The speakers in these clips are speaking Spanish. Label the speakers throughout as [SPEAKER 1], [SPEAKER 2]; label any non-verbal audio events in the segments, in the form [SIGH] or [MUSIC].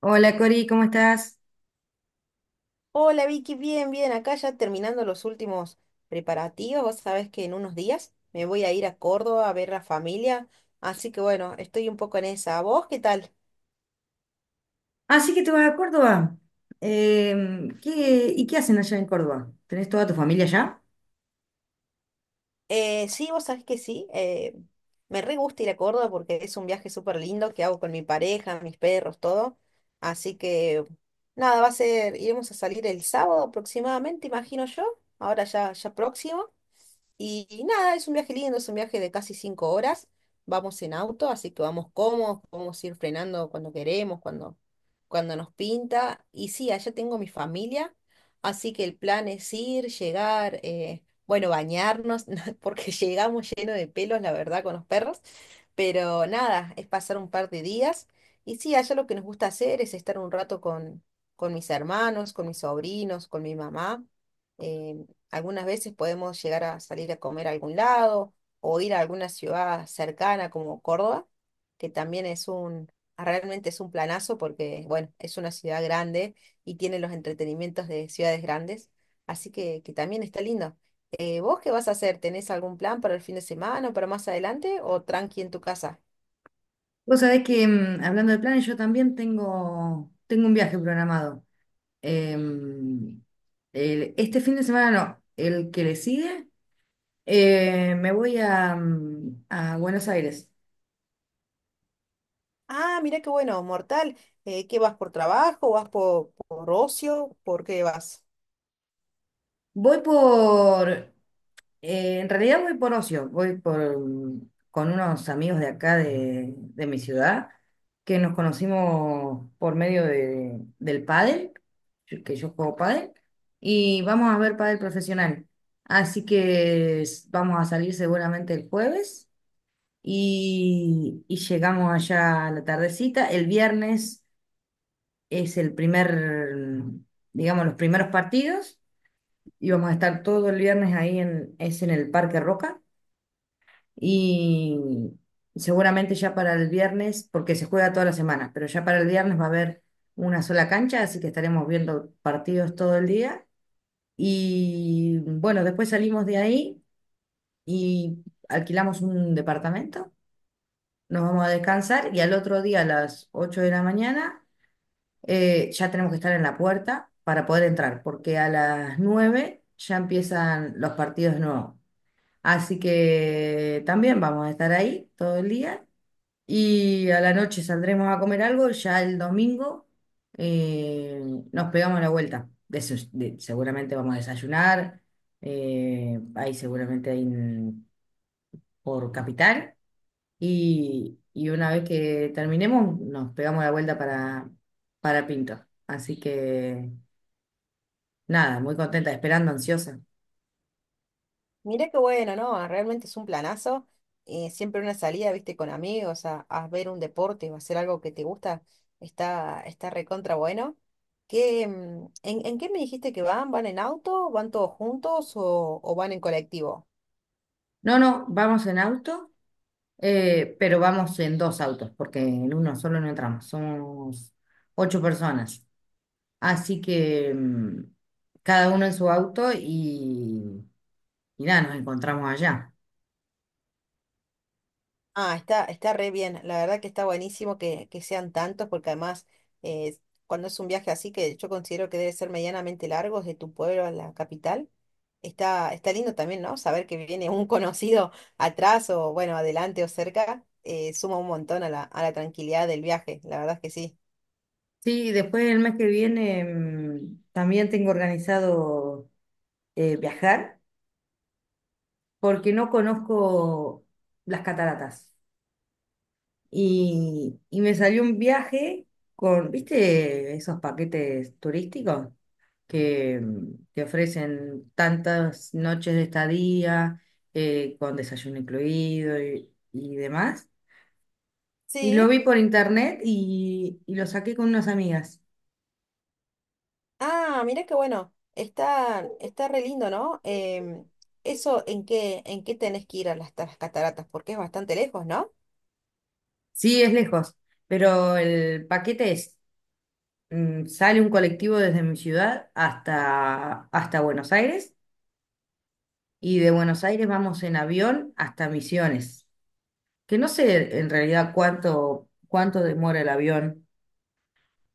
[SPEAKER 1] Hola, Cori, ¿cómo estás?
[SPEAKER 2] Hola Vicky, bien, bien, acá ya terminando los últimos preparativos, vos sabés que en unos días me voy a ir a Córdoba a ver la familia, así que bueno, estoy un poco en esa. ¿Vos qué tal?
[SPEAKER 1] Así que te vas a Córdoba. ¿Qué hacen allá en Córdoba? ¿Tenés toda tu familia allá?
[SPEAKER 2] Sí, vos sabés que sí, me re gusta ir a Córdoba porque es un viaje súper lindo que hago con mi pareja, mis perros, todo, así que nada, va a ser, iremos a salir el sábado aproximadamente, imagino yo, ahora ya, ya próximo. Y nada, es un viaje lindo, es un viaje de casi 5 horas. Vamos en auto, así que vamos cómodos, podemos ir frenando cuando queremos, cuando nos pinta. Y sí, allá tengo mi familia, así que el plan es ir, llegar, bueno, bañarnos, [LAUGHS] porque llegamos lleno de pelos, la verdad, con los perros. Pero nada, es pasar un par de días. Y sí, allá lo que nos gusta hacer es estar un rato con mis hermanos, con mis sobrinos, con mi mamá. eh, Algunas veces podemos llegar a salir a comer a algún lado o ir a alguna ciudad cercana como Córdoba, que también es realmente es un planazo porque, bueno, es una ciudad grande y tiene los entretenimientos de ciudades grandes, así que también está lindo. ¿Eh, vos qué vas a hacer? ¿Tenés algún plan para el fin de semana o para más adelante o tranqui en tu casa?
[SPEAKER 1] Vos sabés que, hablando de planes, yo también tengo un viaje programado. Em, este fin de semana no, el que le sigue, me voy a, a Buenos Aires.
[SPEAKER 2] Ah, mira qué bueno, mortal. ¿Qué vas por trabajo? ¿Vas por ocio? ¿Por qué vas?
[SPEAKER 1] Voy por en realidad voy por ocio, voy con unos amigos de acá de mi ciudad que nos conocimos por medio del pádel, que yo juego pádel, y vamos a ver pádel profesional. Así que vamos a salir seguramente el jueves y llegamos allá a la tardecita. El viernes es el primer, mm, digamos, los primeros partidos y vamos a estar todo el viernes es en el Parque Roca y seguramente ya para el viernes, porque se juega toda la semana, pero ya para el viernes va a haber una sola cancha, así que estaremos viendo partidos todo el día. Y bueno, después salimos de ahí y alquilamos un departamento, nos vamos a descansar y al otro día a las 8 de la mañana ya tenemos que estar en la puerta para poder entrar, porque a las 9 ya empiezan los partidos nuevos. Así que también vamos a estar ahí todo el día. Y a la noche saldremos a comer algo. Ya el domingo eh, nos pegamos la vuelta. Seguramente vamos a desayunar, ahí seguramente por Capital. Y una vez que terminemos, nos pegamos la vuelta para Pinto. Así que nada, muy contenta, esperando, ansiosa.
[SPEAKER 2] Mirá qué bueno, ¿no? Ah, realmente es un planazo. Siempre una salida, viste, con amigos a ver un deporte o hacer algo que te gusta, está, está recontra bueno. ¿Qué, en qué me dijiste que van? ¿Van en auto? ¿Van todos juntos o van en colectivo?
[SPEAKER 1] No, no, vamos en auto, pero vamos en dos autos, porque en uno solo no entramos. Somos 8 personas. Así que cada uno en su auto y nada, nos encontramos allá.
[SPEAKER 2] Ah, está, está re bien. La verdad que está buenísimo que sean tantos, porque además, eh, cuando es un viaje así, que yo considero que debe ser medianamente largo, de tu pueblo a la capital, está, está lindo también, ¿no? Saber que viene un [LAUGHS] conocido atrás o, bueno, adelante o cerca, suma un montón a a la tranquilidad del viaje. La verdad es que sí.
[SPEAKER 1] Sí, después el mes que viene también tengo organizado viajar porque no conozco las cataratas. Y me salió un viaje con, ¿viste esos paquetes turísticos que te ofrecen tantas noches de estadía, con desayuno incluido y demás? Y lo
[SPEAKER 2] Sí.
[SPEAKER 1] vi por internet y lo saqué con unas amigas.
[SPEAKER 2] Ah, mira qué bueno. Está, está re lindo, ¿no? Em, eso, en qué tenés que ir a a las cataratas? Porque es bastante lejos, ¿no?
[SPEAKER 1] Sí, es lejos, pero el paquete es, sale un colectivo desde mi ciudad hasta Buenos Aires y de Buenos Aires vamos en avión hasta Misiones, que no sé en realidad cuánto demora el avión,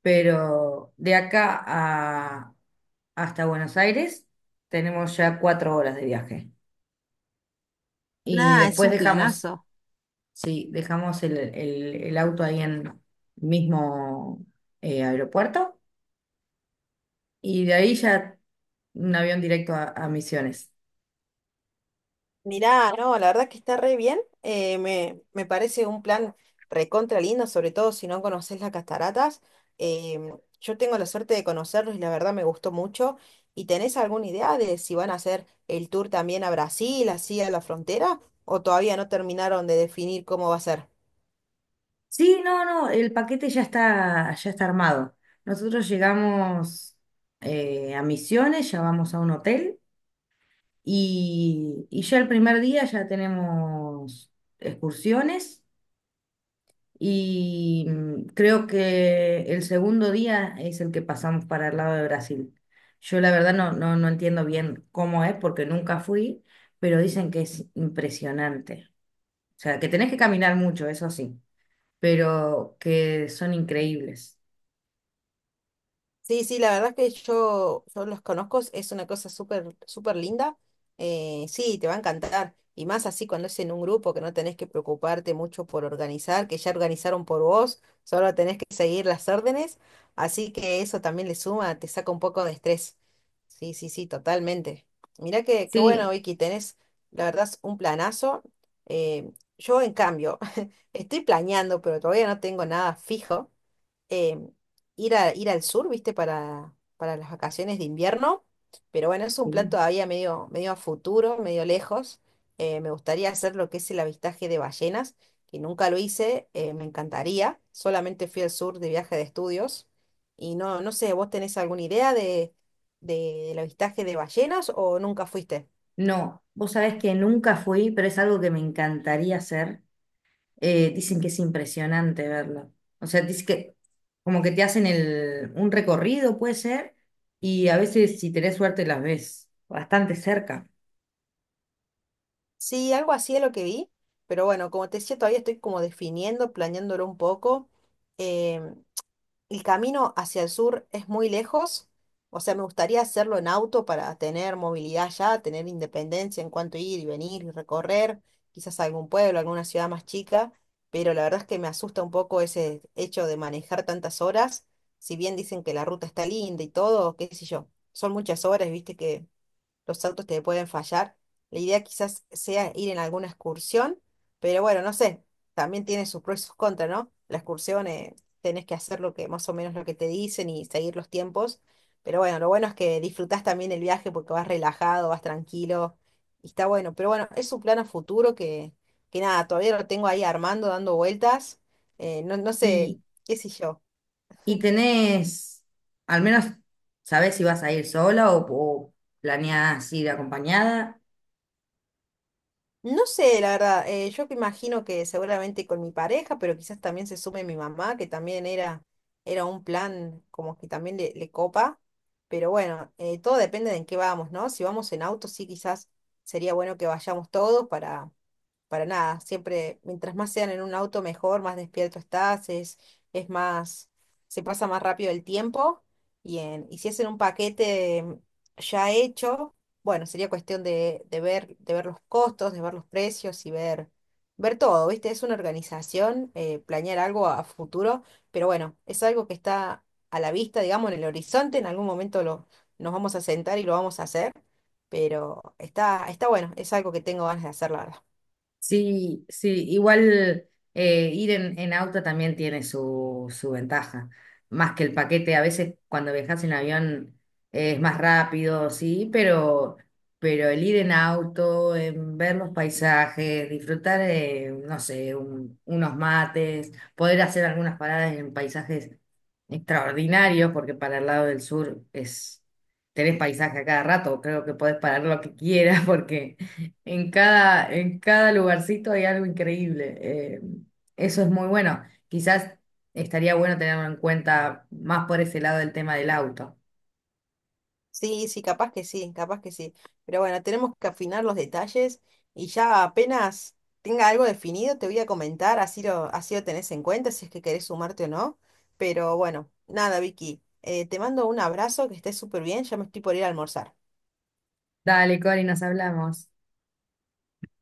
[SPEAKER 1] pero de acá hasta Buenos Aires tenemos ya 4 horas de viaje. Y
[SPEAKER 2] Nada, es
[SPEAKER 1] después
[SPEAKER 2] un
[SPEAKER 1] dejamos.
[SPEAKER 2] planazo.
[SPEAKER 1] Sí, dejamos el auto ahí en el mismo aeropuerto y de ahí ya un avión directo a Misiones.
[SPEAKER 2] Mirá, no, la verdad que está re bien. Eh, me parece un plan recontra lindo, sobre todo si no conoces las cataratas. Em, yo tengo la suerte de conocerlos y la verdad me gustó mucho. ¿Y tenés alguna idea de si van a hacer el tour también a Brasil, así a la frontera? ¿O todavía no terminaron de definir cómo va a ser?
[SPEAKER 1] Sí, no, no, el paquete ya está armado. Nosotros llegamos a Misiones, ya vamos a un hotel y ya el primer día ya tenemos excursiones. Y creo que el segundo día es el que pasamos para el lado de Brasil. Yo la verdad no, no, no entiendo bien cómo es porque nunca fui, pero dicen que es impresionante. O sea, que tenés que caminar mucho, eso sí, pero que son increíbles.
[SPEAKER 2] Sí, sí, la verdad que yo los conozco, es una cosa súper, súper linda. Sí, te va a encantar. Y más así cuando es en un grupo que no tenés que preocuparte mucho por organizar, que ya organizaron por vos, solo tenés que seguir las órdenes. Así que eso también le suma, te saca un poco de estrés. Sí, sí, sí, totalmente. Mirá que, qué bueno,
[SPEAKER 1] Sí,
[SPEAKER 2] Vicky, tenés, la verdad, un planazo. Eh, yo, en cambio, [LAUGHS] estoy planeando, pero todavía no tengo nada fijo, eh, ir a, ir al sur, ¿viste? Para las vacaciones de invierno. Pero bueno, es un plan todavía medio, medio a futuro, medio lejos. Me gustaría hacer lo que es el avistaje de ballenas, que nunca lo hice, me encantaría. Solamente fui al sur de viaje de estudios. Y no, no sé, ¿vos tenés alguna idea del avistaje de ballenas o nunca fuiste?
[SPEAKER 1] no, vos sabés que nunca fui, pero es algo que me encantaría hacer. Dicen que es impresionante verlo. O sea, dice que como que te hacen un recorrido, puede ser, y a veces si tenés suerte las ves bastante cerca.
[SPEAKER 2] Sí, algo así es lo que vi. Pero bueno, como te decía, todavía estoy como definiendo, planeándolo un poco. Em, el camino hacia el sur es muy lejos, o sea, me gustaría hacerlo en auto para tener movilidad ya, tener independencia en cuanto a ir y venir y recorrer, quizás algún pueblo, alguna ciudad más chica, pero la verdad es que me asusta un poco ese hecho de manejar tantas horas, si bien dicen que la ruta está linda y todo, qué sé yo, son muchas horas, viste que los autos te pueden fallar. La idea quizás sea ir en alguna excursión, pero bueno, no sé, también tiene sus pros y sus contras, ¿no? La excursión, tenés que hacer lo que más o menos lo que te dicen y seguir los tiempos, pero bueno, lo bueno es que disfrutás también el viaje porque vas relajado, vas tranquilo y está bueno, pero bueno, es un plan a futuro que nada, todavía lo tengo ahí armando, dando vueltas, no, no sé,
[SPEAKER 1] Y,
[SPEAKER 2] qué sé yo.
[SPEAKER 1] y tenés, al menos sabés si vas a ir sola o planeás ir acompañada.
[SPEAKER 2] No sé, la verdad, yo que imagino que seguramente con mi pareja, pero quizás también se sume mi mamá, que también era, era un plan como que también le copa, pero bueno, todo depende de en qué vamos, ¿no? Si vamos en auto, sí, quizás sería bueno que vayamos todos para nada. Siempre, mientras más sean en un auto, mejor, más despierto estás, es más, se pasa más rápido el tiempo. Y si es en un paquete ya hecho, bueno, sería cuestión de ver los costos, de ver los precios y ver, ver todo, ¿viste? Es una organización, planear algo a futuro, pero bueno, es algo que está a la vista, digamos, en el horizonte, en algún momento lo, nos vamos a sentar y lo vamos a hacer. Pero está, está bueno, es algo que tengo ganas de hacer, la verdad.
[SPEAKER 1] Sí, sí, igual ir en auto también tiene su, su ventaja, más que el paquete. A veces cuando viajas en avión es más rápido, sí, pero el ir en auto, en ver los paisajes, disfrutar, no sé, unos mates, poder hacer algunas paradas en paisajes extraordinarios, porque para el lado del sur es, tenés paisaje a cada rato, creo que podés parar lo que quieras [LAUGHS] porque en cada lugarcito hay algo increíble. Eso es muy bueno. Quizás estaría bueno tenerlo en cuenta más por ese lado del tema del auto.
[SPEAKER 2] Sí, sí, capaz que sí, capaz que sí. Pero bueno, tenemos que afinar los detalles y ya apenas tenga algo definido te voy a comentar, así lo tenés en cuenta, si es que querés sumarte o no. Pero bueno, nada, Vicky, te mando un abrazo, que estés súper bien, ya me estoy por ir a almorzar.
[SPEAKER 1] Dale, Cori, nos hablamos.